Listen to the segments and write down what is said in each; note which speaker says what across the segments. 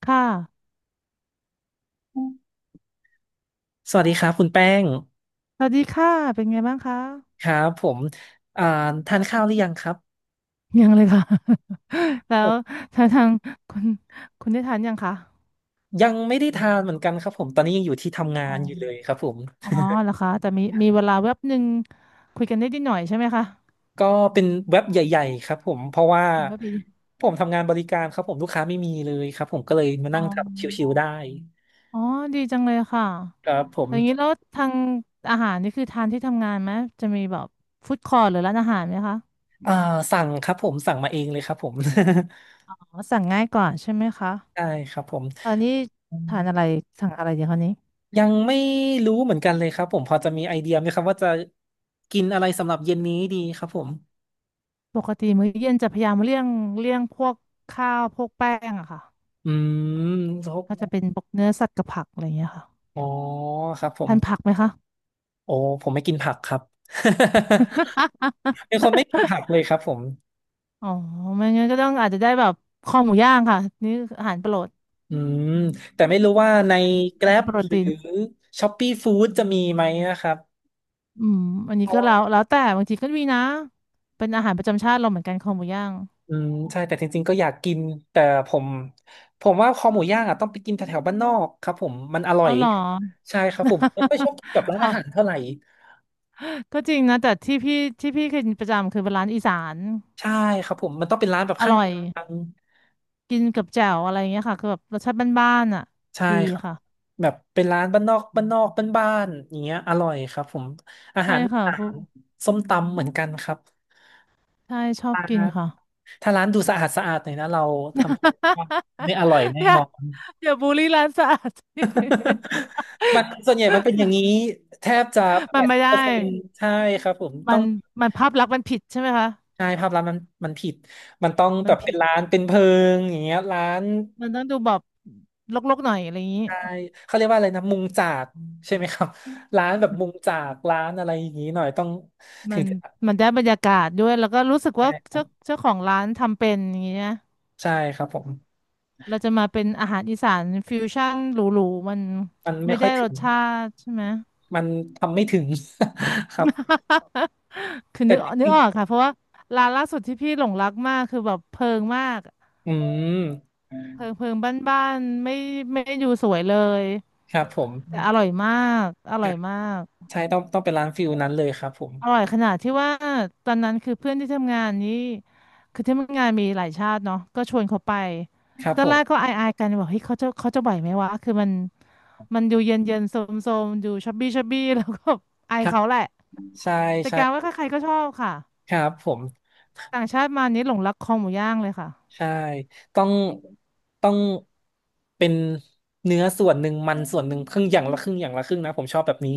Speaker 1: ค่ะ
Speaker 2: สวัสดีครับคุณแป้ง
Speaker 1: สวัสดีค่ะ เป็นไงบ้างคะ
Speaker 2: ครับผมอ่าทานข้าวหรือยังครับ
Speaker 1: ยังเลยค่ะ แล้
Speaker 2: ผ
Speaker 1: ว
Speaker 2: ม
Speaker 1: ทางคุณคุณได้ทานยังคะ
Speaker 2: ยังไม่ได้ทานเหมือนกันครับผมตอนนี้ยังอยู่ที่ทำงา
Speaker 1: อ๋อ
Speaker 2: นอยู่เลยครับผม
Speaker 1: อ๋อเหรอคะแต่มีเวลาแวบหนึ่งคุยกันได้นิดหน่อยใช่ไหมคะ
Speaker 2: ก็เป็นเว็บใหญ่ๆครับผมเพราะว่า
Speaker 1: แวบเดียว
Speaker 2: ผมทำงานบริการครับผมลูกค้าไม่มีเลยครับผมก็เลยมา
Speaker 1: อ๋อ
Speaker 2: นั่งทำชิวๆได้
Speaker 1: อ๋อ ดีจังเลยค่ะ
Speaker 2: ครับผม
Speaker 1: อย่างนี้แล้วทางอาหารนี่คือทานที่ทำงานไหม จะมีแบบฟู้ดคอร์ทหรือร้านอาหารไหมคะ
Speaker 2: อ่าสั่งครับผมสั่งมาเองเลยครับผม
Speaker 1: อ๋อ สั่งง่ายกว่าใช่ไหมคะ
Speaker 2: ได้ครับผม
Speaker 1: อันนี้ทานอะไรสั่งอะไรดีคะนี้
Speaker 2: ยังไม่รู้เหมือนกันเลยครับผมพอจะมีไอเดียไหมครับว่าจะกินอะไรสำหรับเย็นนี้ดีครับผม
Speaker 1: ปกติมื้อเย็นจะพยายามเลี่ยงพวกข้าวพวกแป้งอะค่ะ
Speaker 2: อืมเขา
Speaker 1: ก็จะเป็นพวกเนื้อสัตว์กับผักอะไรอย่างเงี้ยค่ะ
Speaker 2: อ๋อครับผม
Speaker 1: ทานผักไหมคะ
Speaker 2: โอ้ผมไม่กินผักครับ เป็นคนไม่กินผั กเลยครับผม
Speaker 1: อ๋อไม่งั้นก็ต้องอาจจะได้แบบคอหมูย่างค่ะนี่คืออาหารโปรด
Speaker 2: อืมแต่ไม่รู้ว่าใน Grab
Speaker 1: โปร
Speaker 2: หรือ
Speaker 1: ตีน
Speaker 2: Shopee Food จะมีไหมนะครับ
Speaker 1: อืมอัน
Speaker 2: เพ
Speaker 1: นี้
Speaker 2: ราะ
Speaker 1: ก็
Speaker 2: ว่า
Speaker 1: แล้วแต่บางทีก็มีนะเป็นอาหารประจำชาติเราเหมือนกันคอหมูย่าง
Speaker 2: ใช่แต่จริงๆก็อยากกินแต่ผมผมว่าคอหมูย่างอ่ะต้องไปกินแถวๆบ้านนอกครับผมมันอร่อ
Speaker 1: เอา
Speaker 2: ย
Speaker 1: เหรอ
Speaker 2: ใช่ครับผมไม่ค่อยชอบกินกับร้านอาหารเท่าไหร่
Speaker 1: ก็จริงนะแต่ที่พี่เคยกินประจำคือเป็นร้านอีสาน
Speaker 2: ใช่ครับผมมันต้องเป็นร้านแบบ
Speaker 1: อ
Speaker 2: ข้าง
Speaker 1: ร่อย
Speaker 2: ทาง
Speaker 1: กินกับแจ่วอะไรเงี้ยค่ะคือแบบรสชาติบ้านๆอ่ะ
Speaker 2: ใช่
Speaker 1: ดี
Speaker 2: ครับ
Speaker 1: ค่ะ
Speaker 2: แบบเป็นร้านบ้านนอกบ้านนอกบ้านๆอย่างเงี้ยอร่อยครับผมอา
Speaker 1: ใช่
Speaker 2: หารอี
Speaker 1: ค่ะ
Speaker 2: สา
Speaker 1: พวก
Speaker 2: นส้มตำเหมือนกันครับ
Speaker 1: ใช่ชอบ
Speaker 2: ถ้า
Speaker 1: กินค่ะ
Speaker 2: ถ้าร้านดูสะอาดสะอาดหน่อยนะเราทำไม่อร่อย แน่
Speaker 1: อย่า
Speaker 2: นอน
Speaker 1: อย่าบูลลี่ร้านสะอาด
Speaker 2: มันส่วนใหญ่มันเป็นอย่างนี้แทบจะแป
Speaker 1: มัน
Speaker 2: ด
Speaker 1: ไม่
Speaker 2: สิบ
Speaker 1: ได้
Speaker 2: เปอร์เซ็นต์ใช่ครับผม
Speaker 1: มั
Speaker 2: ต้อง
Speaker 1: นมันภาพลักษณ์มันผิดใช่ไหมคะ
Speaker 2: ใช่ภาพลักษณ์มันผิดมันต้อง
Speaker 1: มั
Speaker 2: แบ
Speaker 1: น
Speaker 2: บเป็
Speaker 1: ผิ
Speaker 2: น
Speaker 1: ด
Speaker 2: ร้านเป็นเพิงอย่างเงี้ยร้าน
Speaker 1: มันต้องดูแบบรกๆหน่อยอะไรอย่างนี้
Speaker 2: ใช่เขาเรียกว่าอะไรนะมุงจากใช่ไหมครับร้านแบบมุงจากร้านอะไรอย่างนี้หน่อยต้อง
Speaker 1: มั
Speaker 2: ถึง
Speaker 1: น
Speaker 2: จะ
Speaker 1: มันได้บรรยากาศด้วยแล้วก็รู้สึก
Speaker 2: ใช่
Speaker 1: ว่า
Speaker 2: ครับ
Speaker 1: เจ้าของร้านทำเป็นอย่างเงี้ย
Speaker 2: ใช่ครับผม
Speaker 1: เราจะมาเป็นอาหารอีสานฟิวชั่นหรูๆมัน
Speaker 2: มันไม่
Speaker 1: ไม่
Speaker 2: ค่อย
Speaker 1: ได้
Speaker 2: ถึ
Speaker 1: ร
Speaker 2: ง
Speaker 1: สชาติใช่ไหม
Speaker 2: มันทำไม่ถึง ครับ
Speaker 1: คือ
Speaker 2: แต่
Speaker 1: นึกนึ
Speaker 2: จ
Speaker 1: ก
Speaker 2: ริง
Speaker 1: ออกค่ะเพราะว่าร้านล่าสุดที่พี่หลงรักมากคือแบบเพิงมาก
Speaker 2: ๆม
Speaker 1: เพิงบ้านๆไม่ไดดูสวยเลย
Speaker 2: ครับผม
Speaker 1: แต่อร่อยมากอร่อยมาก
Speaker 2: ใช่ต้องเป็นร้านฟิลนั้นเลยครับผม
Speaker 1: อร่อยขนาดที่ว่าตอนนั้นคือเพื่อนที่ทำงานนี้คือที่ทำงานมีหลายชาติเนาะก็ชวนเขาไป
Speaker 2: ครับ
Speaker 1: ตอ
Speaker 2: ผ
Speaker 1: นแรกก็
Speaker 2: ม
Speaker 1: อายๆกันบอกเฮ้ยเขาจะไหวไหมวะคือมันดูเย็นเย็นโซมโซมๆดูชับบี้ชับบี้แล้วก็อา
Speaker 2: ค
Speaker 1: ย
Speaker 2: รับ
Speaker 1: เขาแหละ
Speaker 2: ใช่
Speaker 1: แต่
Speaker 2: ใช่
Speaker 1: กลารว่าใครๆก็ชอบค่ะ
Speaker 2: ครับผม
Speaker 1: ต่างชาติมานี้หลงรักคอหมูย่างเลยค่ะ
Speaker 2: ใช่ต้องต้องเป็นเนื้อส่วนหนึ่งมันส่วนหนึ่งครึ่งอย่างละครึ่งอย่างละครึ่งนะผมชอบแบบนี้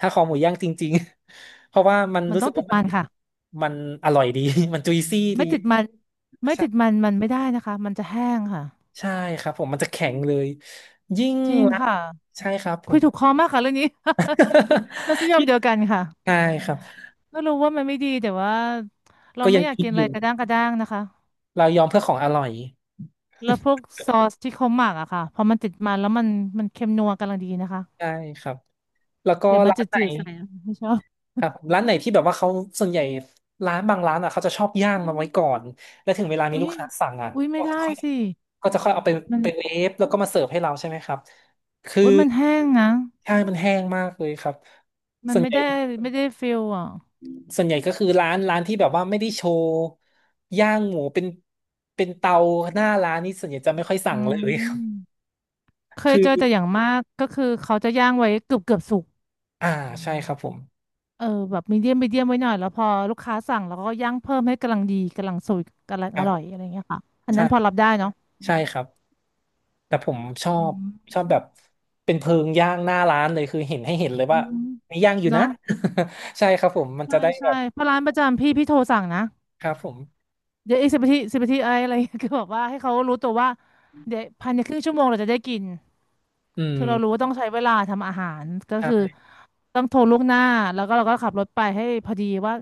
Speaker 2: ถ้าคอหมูย่างจริงๆ เพราะว่ามัน
Speaker 1: มัน
Speaker 2: รู้
Speaker 1: ต้
Speaker 2: สึ
Speaker 1: อ
Speaker 2: ก
Speaker 1: งติ
Speaker 2: ว่า
Speaker 1: ด
Speaker 2: มัน
Speaker 1: มันค่ะ
Speaker 2: มันอร่อยดี มันจุยซี่ดี
Speaker 1: ไม่ติดมันไม่ติด
Speaker 2: ใช่
Speaker 1: มันมันไม่ได้นะคะ มันจะแห้งค่ะ
Speaker 2: ใช่ครับผมมันจะแข็งเลยยิ่ง
Speaker 1: จริง
Speaker 2: ละ
Speaker 1: ค่ะ
Speaker 2: ใช่ครับผ
Speaker 1: คุย
Speaker 2: ม
Speaker 1: ถูกคอมากค่ะเรื่องนี้ เราส ยาม
Speaker 2: ยิ่ง
Speaker 1: เดียวกันค่ะ
Speaker 2: ใช่ครับ
Speaker 1: ก็รู้ว่ามันไม่ดีแต่ว่าเรา
Speaker 2: ก็
Speaker 1: ไม่
Speaker 2: ยัง
Speaker 1: อยาก
Speaker 2: กิ
Speaker 1: กิ
Speaker 2: น
Speaker 1: น
Speaker 2: อ
Speaker 1: อะไร
Speaker 2: ยู่
Speaker 1: กระด้างกระด้างนะคะ
Speaker 2: เรายอมเพื่อของอร่อย
Speaker 1: แล้วพวกซอสที่เขาหมักอะค่ะพอมันติดมันแล้วมันเค็มนัวกำลังดีนะคะ
Speaker 2: ใช่ครับแล้วก็
Speaker 1: เดี๋ยวมัน
Speaker 2: ร้า
Speaker 1: จะ
Speaker 2: นไหน
Speaker 1: จืดๆใส่อะไม่ชอบ
Speaker 2: ครับร้านไหนที่แบบว่าเขาส่วนใหญ่ร้านบางร้านอ่ะเขาจะชอบย่างมาไว้ก่อนแล้วถึงเวลามี
Speaker 1: อุ้
Speaker 2: ลูก
Speaker 1: ย
Speaker 2: ค้าสั่งอ่ะ
Speaker 1: อุ้ยไม่
Speaker 2: ก็
Speaker 1: ได้
Speaker 2: จะค่อย
Speaker 1: สิ
Speaker 2: ก็จะค่อยเอาไป
Speaker 1: มัน
Speaker 2: ไปเวฟแล้วก็มาเสิร์ฟให้เราใช่ไหมครับคือ
Speaker 1: อุ้ยมันแห้งนะ
Speaker 2: ใช่มันแห้งมากเลยครับ
Speaker 1: มั
Speaker 2: ส่
Speaker 1: น
Speaker 2: วน
Speaker 1: ไม่
Speaker 2: ใหญ่
Speaker 1: ได้ไม่ได้ฟิลอ่ะ
Speaker 2: ส่วนใหญ่ก็คือร้านที่แบบว่าไม่ได้โชว์ย่างหมูเป็นเตาหน้าร้านนี่ส่วนใหญ่จะไม่ค่อย
Speaker 1: อื
Speaker 2: สั่งเลย
Speaker 1: ม เค ย
Speaker 2: คือ
Speaker 1: เจอแต่อย่างมากก็คือเขาจะย่างไว้เกือบเกือบสุก
Speaker 2: อ่าใช่ครับผม
Speaker 1: เออแบบมีเดียมมีเดียมไว้หน่อยแล้วพอลูกค้าสั่งแล้วก็ย่างเพิ่มให้กำลังดีกำลังสวกกำลัง
Speaker 2: ค
Speaker 1: อ
Speaker 2: รั
Speaker 1: ร่อย
Speaker 2: บ
Speaker 1: อะไรเงี้ยค่ะอัน
Speaker 2: ใช่
Speaker 1: นั้นพอรับได้เนาะ
Speaker 2: ใช่ครับ แต่ผมชอ
Speaker 1: อื
Speaker 2: บช
Speaker 1: ม
Speaker 2: อบแบบเป็นเพลิงย่างหน้าร้านเลยคือเห็นให้เห็นเลย
Speaker 1: อื
Speaker 2: ว่า
Speaker 1: ม
Speaker 2: มีย่างอยู่นะ
Speaker 1: เนาะ
Speaker 2: ใช่ครับผมมันจะ
Speaker 1: ใช่
Speaker 2: ได้แบ
Speaker 1: ใช่
Speaker 2: บ
Speaker 1: เพราะร้านประจำพี่พี่โทรสั่งนะ
Speaker 2: ครับผม
Speaker 1: เดี๋ยวอีก10 นาที 10 นาทีอะไรอะไร คือแบบว่าให้เขารู้ตัวว่าเดี๋ยวภายในครึ่งชั่วโมงเราจะได้กิน
Speaker 2: อืม
Speaker 1: คือเรารู้ว่าต้องใช้เวลาทำอาหารก็คือ
Speaker 2: ใช่
Speaker 1: ต้องโทรล่วงหน้าแล้วก็เราก็ขับรถไปให้พอดีว่า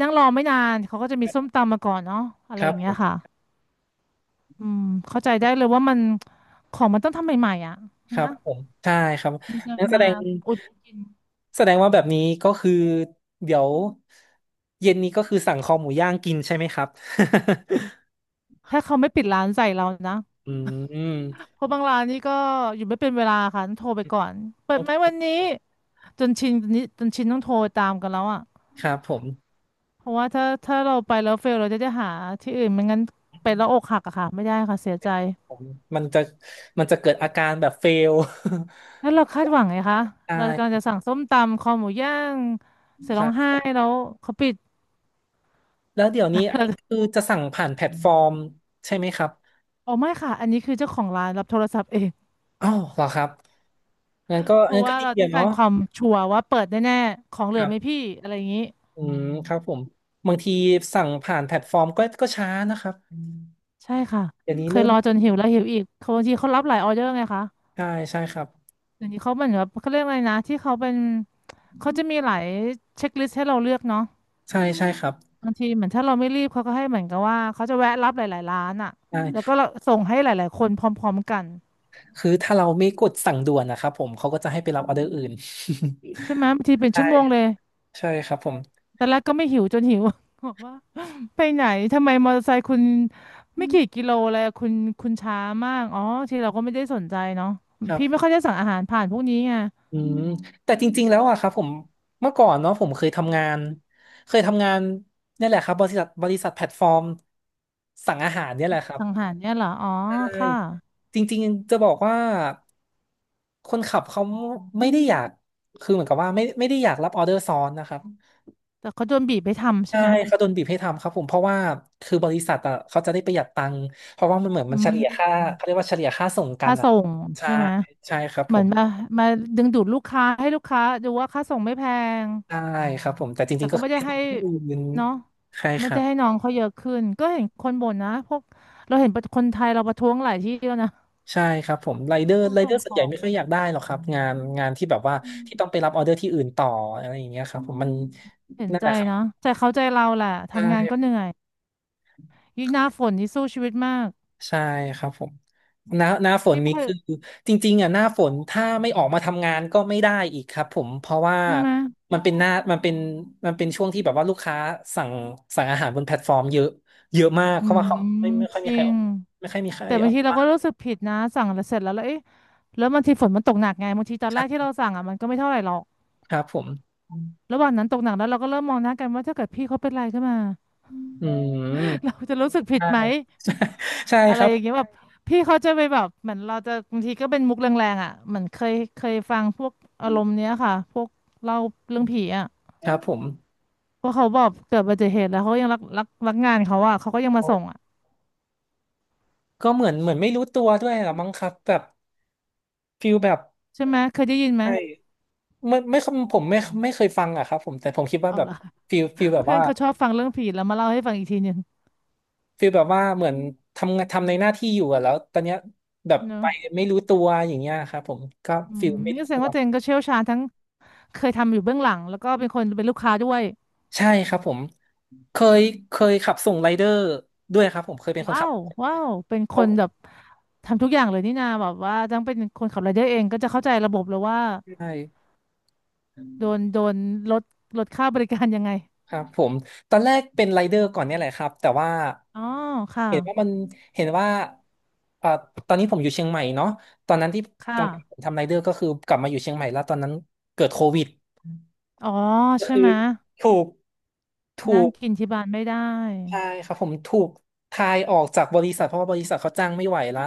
Speaker 1: นั่งรอไม่นานเขาก็จะมีส้มตำมาก่อนเนาะอะ
Speaker 2: ค
Speaker 1: ไรอ
Speaker 2: รับ
Speaker 1: ย่าง
Speaker 2: ผ
Speaker 1: เงี้ย
Speaker 2: ม
Speaker 1: ค่ะอืมเข้าใจได้เลยว่ามันของมันต้องทำใหม่ๆอ่ะ
Speaker 2: ครับ
Speaker 1: นะ
Speaker 2: ผมใช่ครับ
Speaker 1: มันจะ
Speaker 2: นั่นแส
Speaker 1: มา
Speaker 2: ดง
Speaker 1: อุดกิน
Speaker 2: แสดงว่าแบบนี้ก็คือเดี๋ยวเย็นนี้ก็คือสั่งคอหมูย่างกินใช่ไหมครับ
Speaker 1: ถ้าเขาไม่ปิดร้านใส่เรานะ
Speaker 2: อืม
Speaker 1: เพราะบางร้านนี่ก็อยู่ไม่เป็นเวลาค่ะต้องโทรไปก่อนเปิดไหมวันนี้จนชินจนนี้จนชินต้องโทรตามกันแล้วอ่ะ
Speaker 2: ครับผม
Speaker 1: เพราะว่าถ้าเราไปแล้วเฟลเราจะได้หาที่อื่นไม่งั้นไปแล้วอกหักอะค่ะไม่ได้ค่ะเสียใจ
Speaker 2: ผมมันจะมันจะเกิดอาการแบบเฟล
Speaker 1: แล้วเรา คาดหวังไงคะ
Speaker 2: ใช่
Speaker 1: เรากำ
Speaker 2: ค
Speaker 1: ลังจะสั่งส้มตำคอหมูย่างเสร็จร้องไห้
Speaker 2: รับ
Speaker 1: แล้วเขาปิด
Speaker 2: แล้วเดี๋ยวนี้อันนี้คือจะสั่งผ่านแพลตฟอร์มใช่ไหมครับ
Speaker 1: อ๋อไม่ค่ะอันนี้คือเจ้าของร้านรับโทรศัพท์เอง
Speaker 2: อ้าวเหรอครับงั้นก็
Speaker 1: เพ
Speaker 2: งั้
Speaker 1: ราะ
Speaker 2: นก็
Speaker 1: ว่า
Speaker 2: ดี
Speaker 1: เราต้อ
Speaker 2: อะ
Speaker 1: งกา
Speaker 2: เนาะ
Speaker 1: รความชัวร์ว่าเปิดแน่ๆของเหลื
Speaker 2: ค
Speaker 1: อ
Speaker 2: รั
Speaker 1: ไห
Speaker 2: บ
Speaker 1: มพี่อะไรอย่างนี้
Speaker 2: อืมครับผมบางทีสั่งผ่านแพลตฟอร์มก็ช้านะครับ
Speaker 1: ใช่ค่ะ
Speaker 2: เดี๋ยวนี้
Speaker 1: เค
Speaker 2: เริ่
Speaker 1: ย
Speaker 2: ม
Speaker 1: รอจนหิวแล้วหิวอีกเขาบางทีเขารับหลายออเดอร์ไงคะ
Speaker 2: ใช่ใช่ครับ
Speaker 1: เดี๋ยวนี้เขาเหมือนแบบเขาเรียกอะไรนะที่เขาเป็นเขาจะมีหลายเช็คลิสต์ให้เราเลือกเนาะ
Speaker 2: ใช่ใช่ครับ
Speaker 1: บางทีเหมือนถ้าเราไม่รีบเขาก็ให้เหมือนกับว่าเขาจะแวะรับหลายๆร้านอ่ะ
Speaker 2: ใช่
Speaker 1: แล้วก็เราส่งให้หลายๆคนพร้อมๆกัน
Speaker 2: คือถ้าเราไม่กดสั่งด่วนนะครับผมเขาก็จะให้ไปรับออเดอร์อื่น
Speaker 1: ใช่ไหมบางทีเป็น
Speaker 2: ใช่
Speaker 1: ชั่วโมงเลย
Speaker 2: ใช่ครับผม
Speaker 1: แต่แรกก็ไม่หิวจนหิว บอกว่า ไปไหนทำไมมอเตอร์ไซค์คุณไม่กี่กิโลเลยอะคุณคุณช้ามากอ๋อที่เราก็ไม่ได้สนใจเนาะ
Speaker 2: ครับ
Speaker 1: พี่ไม่ค่อยได้สั่งอาหารผ่านพวกนี้ไง
Speaker 2: อืมแต่จริงๆแล้วอะครับผมเมื่อก่อนเนาะผมเคยทำงานเนี่ยแหละครับบริษัทแพลตฟอร์มสั่งอาหารเนี่ยแหละครับ
Speaker 1: สั่งอาหารเนี่ยเหรออ๋อ
Speaker 2: ใช่
Speaker 1: ค่ะ
Speaker 2: จริงๆจะบอกว่าคนขับเขาไม่ได้อยากคือเหมือนกับว่าไม่ได้อยากรับออเดอร์ซ้อนนะครับ
Speaker 1: แต่เขาโดนบีบไปทำใช่
Speaker 2: ใช่
Speaker 1: ไหม
Speaker 2: เขาโดนบีบให้ทำครับผมเพราะว่าคือบริษัทอะเขาจะได้ประหยัดตังค์เพราะว่ามันเหมือน
Speaker 1: อื
Speaker 2: มันเฉลี่ยค่า
Speaker 1: ม
Speaker 2: เขาเรียกว่าเฉลี่ยค่าส่งกัน
Speaker 1: ค่า
Speaker 2: อะ
Speaker 1: ส่ง
Speaker 2: ใช่
Speaker 1: ใช่ไหม
Speaker 2: ใช่ครับผ
Speaker 1: เหมือน
Speaker 2: ม
Speaker 1: มาดึงดูดลูกค้าให้ลูกค้าดูว่าค่าส่งไม่แพง
Speaker 2: ใช่ครับผมแต่จ
Speaker 1: แต่
Speaker 2: ริงๆก็
Speaker 1: ก็ไม่
Speaker 2: คือไป
Speaker 1: ได้
Speaker 2: ส่
Speaker 1: ให้
Speaker 2: งที่อื่น
Speaker 1: เนาะ
Speaker 2: ใช่ค
Speaker 1: ไม่
Speaker 2: รั
Speaker 1: ได้
Speaker 2: บ
Speaker 1: ให้น้องเขาเยอะขึ้นก็เห็นคนบ่นนะพวกเราเห็นคนไทยเราประท้วงหลายที่แล้วนะ
Speaker 2: ใช่ครับผมไรเดอ
Speaker 1: พ
Speaker 2: ร์
Speaker 1: วก
Speaker 2: ไรเด
Speaker 1: ส่
Speaker 2: อ
Speaker 1: ง
Speaker 2: ร์ส่
Speaker 1: ข
Speaker 2: วนใหญ่
Speaker 1: อง
Speaker 2: ไม่ค่
Speaker 1: อ
Speaker 2: อยอยากได้หรอกครับงานที่แบบว่า
Speaker 1: ะ
Speaker 2: ที่ต้องไปรับออเดอร์ที่อื่นต่ออะไรอย่างเงี้ยครับผมมัน
Speaker 1: เห็น
Speaker 2: นั่น
Speaker 1: ใจ
Speaker 2: แหละครับ
Speaker 1: นะแต่เข้าใจเราแหละ
Speaker 2: ใช
Speaker 1: ทำงานก็เห
Speaker 2: ่
Speaker 1: นื่อยยิ่งหน้าฝนนี่สู้ชีวิตมาก
Speaker 2: ใช่ครับผมหน้าฝน
Speaker 1: พี่ไม่
Speaker 2: นี้
Speaker 1: เคย
Speaker 2: คือจริงๆอ่ะหน้าฝนถ้าไม่ออกมาทำงานก็ไม่ได้อีกครับผมเพราะว่า
Speaker 1: ใช่ไหม
Speaker 2: มันเป็นหน้ามันเป็นมันเป็นช่วงที่แบบว่าลูกค้าสั่งสั่งอาหารบนแพลตฟอร์มเยอะเยอะมาก
Speaker 1: อื
Speaker 2: เพราะว่า
Speaker 1: ม
Speaker 2: เขาไม่ค่อย
Speaker 1: จ
Speaker 2: มี
Speaker 1: ริ
Speaker 2: ใครอ
Speaker 1: ง
Speaker 2: อกไม่ค่อยมีใคร
Speaker 1: แต่
Speaker 2: อ
Speaker 1: บาง
Speaker 2: อก
Speaker 1: ทีเรา
Speaker 2: บ้า
Speaker 1: ก็
Speaker 2: ง
Speaker 1: รู้สึกผิดนะสั่งแล้วเสร็จแล้วแล้วเอ๊ะแล้วบางทีฝนมันตกหนักไงบางทีตอน
Speaker 2: ใช
Speaker 1: แรกที่
Speaker 2: ่
Speaker 1: เราสั่งอ่ะมันก็ไม่เท่าไหร่หรอก
Speaker 2: ครับผม
Speaker 1: ระหว่างนั้นตกหนักแล้วเราก็เริ่มมองหน้ากันว่าถ้าเกิดพี่เขาเป็นไรขึ้นมา
Speaker 2: อืม
Speaker 1: เราจะรู้สึกผิด
Speaker 2: ใช่
Speaker 1: ไหม
Speaker 2: ใช่
Speaker 1: อะ
Speaker 2: ค
Speaker 1: ไร
Speaker 2: รับ
Speaker 1: อย่างเงี้ยแบบพี่เขาจะไปแบบเหมือนเราจะบางทีก็เป็นมุกแรงๆอ่ะเหมือนเคยฟังพวกอารมณ์เนี้ยค่ะพวกเล่าเรื่องผีอ่ะ
Speaker 2: ครับผม
Speaker 1: เพราะเขาบอกเกิดอุบัติเหตุแล้วเขาก็ยังรักงานเขาอ่ะเขาก็ยังมา
Speaker 2: โอ้
Speaker 1: ส่งอ่ะ
Speaker 2: ก็เหมือนไม่รู้ตัวด้วยลอมั้งครับแบบฟิลแบบ
Speaker 1: ใช่ไหมเคยได้ยินไหม
Speaker 2: ใช่ไม่ผมไม่ไม่เคยฟังอะครับผมแต่ผมคิดว่า
Speaker 1: เอา
Speaker 2: แบบ
Speaker 1: ล่ะ
Speaker 2: ฟิล แบบ
Speaker 1: เพื่อน
Speaker 2: ว่า
Speaker 1: เขาชอบฟังเรื่องผีแล้วมาเล่าให้ฟังอีกทีหนึ่ง
Speaker 2: ฟิลแบบว่าเหมือนทำงานทำในหน้าที่อยู่อะแล้วตอนเนี้ยแบบ
Speaker 1: เน
Speaker 2: ไป
Speaker 1: อะ
Speaker 2: ไม่รู้ตัวอย่างเงี้ยครับผมก็
Speaker 1: อื
Speaker 2: ฟิ
Speaker 1: ม
Speaker 2: ลไม่
Speaker 1: นี่
Speaker 2: รู้
Speaker 1: แสด
Speaker 2: ตั
Speaker 1: ง
Speaker 2: ว
Speaker 1: ว่าเจนก็เชี่ยวชาญทั้งเคยทำอยู่เบื้องหลังแล้วก็เป็นคนเป็นลูกค้าด้วย
Speaker 2: ใช่ครับผมเคยเคยขับส่งไรเดอร์ด้วยครับผมเคยเป็นคน
Speaker 1: ว้า
Speaker 2: ขับ
Speaker 1: วว้าวเป็นค
Speaker 2: เขา
Speaker 1: นแบบทำทุกอย่างเลยนี่นาแบบว่าต้องเป็นคนขับรายเดอร์เองก็จะเข้าใจระบบเลยว่า
Speaker 2: ใช่
Speaker 1: โดนลดลดค่าบริการยังไง
Speaker 2: ครับผมตอนแรกเป็นไรเดอร์ก่อนเนี่ยแหละครับแต่ว่า
Speaker 1: อ๋อค่ะ
Speaker 2: เห็นว่ามันเห็นว่าเอ่อตอนนี้ผมอยู่เชียงใหม่เนาะตอนนั้นที่
Speaker 1: ค่ะ
Speaker 2: ตอนผมทำไรเดอร์ก็คือกลับมาอยู่เชียงใหม่แล้วตอนนั้นเกิดโควิด
Speaker 1: อ๋อ
Speaker 2: ก็
Speaker 1: ใช่
Speaker 2: คือ
Speaker 1: ไหม
Speaker 2: ถูกถู
Speaker 1: นั่ง
Speaker 2: ก
Speaker 1: กินที่บ้านไม่ได้
Speaker 2: ใช่ครับผมถูกทายออกจากบริษัทเพราะว่าบริษัทเขาจ้างไม่ไหวละ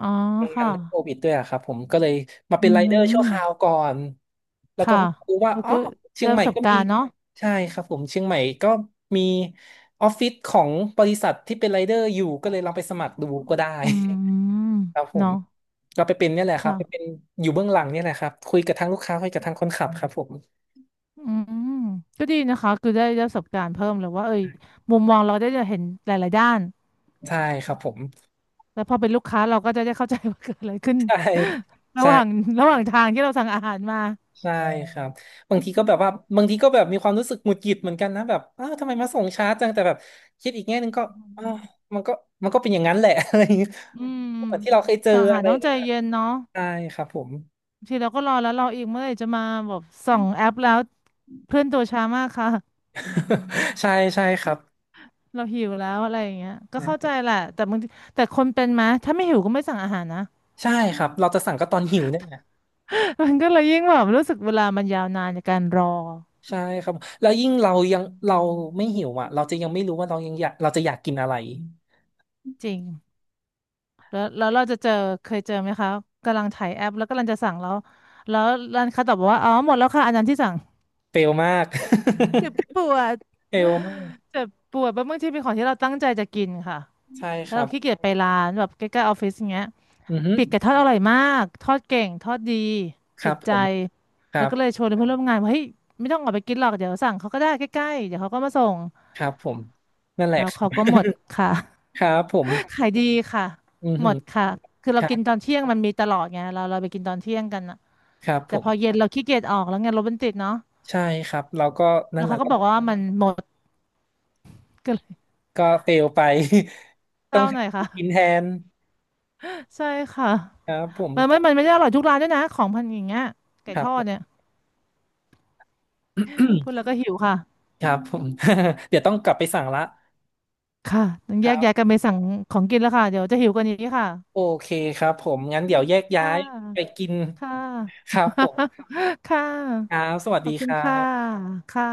Speaker 1: อ๋อ
Speaker 2: มันกั
Speaker 1: ค่ะ
Speaker 2: นด้วยโควิดด้วยอะครับผมก็เลยมาเป็
Speaker 1: อื
Speaker 2: นไรเดอร์ชั่วคราว
Speaker 1: ม
Speaker 2: ก่อนแล้วก็
Speaker 1: ค่ะ
Speaker 2: เรู้ว่า
Speaker 1: เออ
Speaker 2: อ๋อ
Speaker 1: ก็
Speaker 2: เชีย
Speaker 1: ได้
Speaker 2: งให
Speaker 1: ป
Speaker 2: ม่
Speaker 1: ระสบ
Speaker 2: ก็
Speaker 1: กา
Speaker 2: มี
Speaker 1: รณ์เนาะ
Speaker 2: ใช่ครับผมเชียงใหม่ก็มีออฟฟิศของบริษัทที่เป็นไรเดอร์อยู่ก็เลยลองไปสมัครดูก็ได้
Speaker 1: อืม
Speaker 2: ครับผม
Speaker 1: เนาะ
Speaker 2: ก็ไปเป็นเนี่ยแหละครับ
Speaker 1: ค่ะ
Speaker 2: ไปเป็นอยู่เบื้องหลังเนี่ยแหละครับคุยกับทางลูกค้าคุยกับทางคนขับครับผม
Speaker 1: อืมก็ดีนะคะคือได้ประสบการณ์เพิ่มเลยว่าเอ้ยมุมมองเราได้จะเห็นหลายๆด้าน
Speaker 2: ใช่ครับผม
Speaker 1: แล้วพอเป็นลูกค้าเราก็จะได้เข้าใจว่าเกิดอะไรขึ้น
Speaker 2: ใช่
Speaker 1: ระ
Speaker 2: ใช่
Speaker 1: หว่างระหว่างทางที่เราสั่งอาหารมา
Speaker 2: ใช่ครับบางทีก็แบบว่าบางทีก็แบบมีความรู้สึกหงุดหงิดเหมือนกันนะแบบอ้าวทำไมมาส่งช้าจังแต่แบบคิดอีกแง่หนึ่งก็อ้าวมันก็มันก็เป็นอย่างนั้นแหละ อะไรอย่างเงี้ย
Speaker 1: อืม
Speaker 2: เหมือนที่เราเคยเจอ
Speaker 1: สั่งอาหา
Speaker 2: อะ
Speaker 1: ร
Speaker 2: ไรอ
Speaker 1: ต้อ
Speaker 2: ย่า
Speaker 1: ง
Speaker 2: ง
Speaker 1: ใจ
Speaker 2: เงี้ย
Speaker 1: เย็นเนาะ
Speaker 2: ใช่ครับผม
Speaker 1: บางทีเราก็รอแล้วรออีกเมื่อไหร่จะมาแบบส่องแอปแล้วเพื่อนตัวช้ามากค่ะ
Speaker 2: ใช่ใช่ครับ
Speaker 1: เราหิวแล้วอะไรอย่างเงี้ยก็
Speaker 2: น
Speaker 1: เข้าใจ
Speaker 2: ะ
Speaker 1: แหละแต่บางทีแต่คนเป็นไหมถ้าไม่หิวก็ไม่สั่งอาหารนะ
Speaker 2: ใช่ครับเราจะสั่งก็ตอนหิวเนี่ยนะ
Speaker 1: มันก็เลยยิ่งแบบรู้สึกเวลามันยาวนานในการรอ
Speaker 2: ใช่ครับแล้วยิ่งเรายังเราไม่หิวอ่ะเราจะยังไม่รู้ว่าเรายังอยากเราจะอยากกินอะไร
Speaker 1: จริงแล้วแล้วเราจะเจอเคยเจอไหมคะกำลังถ่ายแอปแล้วกำลังจะสั่งแล้วแล้วร้านค้าตอบบอกว่าอ๋อหมดแล้วค่ะอันนั้นที่สั่ง
Speaker 2: เฟลมาก
Speaker 1: เจ็บปวด
Speaker 2: เฟลมาก
Speaker 1: เจ็บปวดเพราะบางทีเป็นของที่เราตั้งใจจะกินค่ะ
Speaker 2: ใช่ค
Speaker 1: แล้ว
Speaker 2: รั
Speaker 1: เรา
Speaker 2: บ
Speaker 1: ขี้เกียจไปร้านแบบใกล้ๆออฟฟิศอย่างเงี้ย
Speaker 2: อือฮึ
Speaker 1: ปีกไก่ทอดอร่อยมากทอดเก่งทอดดี
Speaker 2: ครั
Speaker 1: ติ
Speaker 2: บ
Speaker 1: ด
Speaker 2: ผ
Speaker 1: ใจ
Speaker 2: มค
Speaker 1: แล้
Speaker 2: รั
Speaker 1: ว
Speaker 2: บ
Speaker 1: ก็เลยชวนเพื่อนร่วมงานว่าเฮ้ยไม่ต้องออกไปกินหรอกเดี๋ยวสั่งเขาก็ได้ใกล้ๆเดี๋ยวเขาก็มาส่ง
Speaker 2: ครับผมนั่นแหละ
Speaker 1: แล้ว
Speaker 2: ครั
Speaker 1: เขา
Speaker 2: บ
Speaker 1: ก็หมดค่ะ
Speaker 2: ครับผ ม
Speaker 1: ขายดีค่ะ
Speaker 2: อือ
Speaker 1: ห
Speaker 2: หื
Speaker 1: ม
Speaker 2: อ
Speaker 1: ดค่ะคือ
Speaker 2: ค
Speaker 1: เรา
Speaker 2: รั
Speaker 1: กิน
Speaker 2: บ
Speaker 1: ตอนเที่ยงมันมีตลอดไงเราไปกินตอนเที่ยงกันอะ
Speaker 2: ครับผ
Speaker 1: แต่พ
Speaker 2: ม
Speaker 1: อเย็นเราขี้เกียจออกแล้วไงรถมันติดเนาะ
Speaker 2: ใช่ครับเราก็นั่
Speaker 1: แล้
Speaker 2: น
Speaker 1: ว
Speaker 2: แหละ
Speaker 1: เขาก็
Speaker 2: ก็
Speaker 1: บอกว่ามันหมดก็เลย
Speaker 2: ก็เฟลไป
Speaker 1: เศ
Speaker 2: ต้อ
Speaker 1: ร้า
Speaker 2: ง
Speaker 1: ห
Speaker 2: หา
Speaker 1: น่อยค่ะ
Speaker 2: กินแทน
Speaker 1: ใช่ค่ะ
Speaker 2: ครับผม
Speaker 1: มันไม่ได้อร่อยทุกร้านด้วยนะของพันอย่างเงี้ยไก่
Speaker 2: ค
Speaker 1: ท
Speaker 2: รับ
Speaker 1: อ
Speaker 2: ผ
Speaker 1: ด
Speaker 2: ม
Speaker 1: เนี่ยพูดแล้ วก็หิวค่ะ
Speaker 2: ครับผม เดี๋ยวต้องกลับไปสั่งละ
Speaker 1: ค่ะต้อง
Speaker 2: ค
Speaker 1: แยก
Speaker 2: รับ
Speaker 1: ย้ายกันไปสั่งของกินแล้วค่ะ เดี๋ยวจะหิวกว่านี้ค่ะ
Speaker 2: โอเคครับผมงั้นเดี๋ยวแยก
Speaker 1: ค่
Speaker 2: ย้ายไป
Speaker 1: ะ
Speaker 2: กิน
Speaker 1: ค่ะ
Speaker 2: ครับผม
Speaker 1: ค่
Speaker 2: ครั
Speaker 1: ะ
Speaker 2: บสวัส
Speaker 1: ข
Speaker 2: ดี
Speaker 1: อบคุ
Speaker 2: ค
Speaker 1: ณ
Speaker 2: รั
Speaker 1: ค่ะ
Speaker 2: บ
Speaker 1: ค่ะ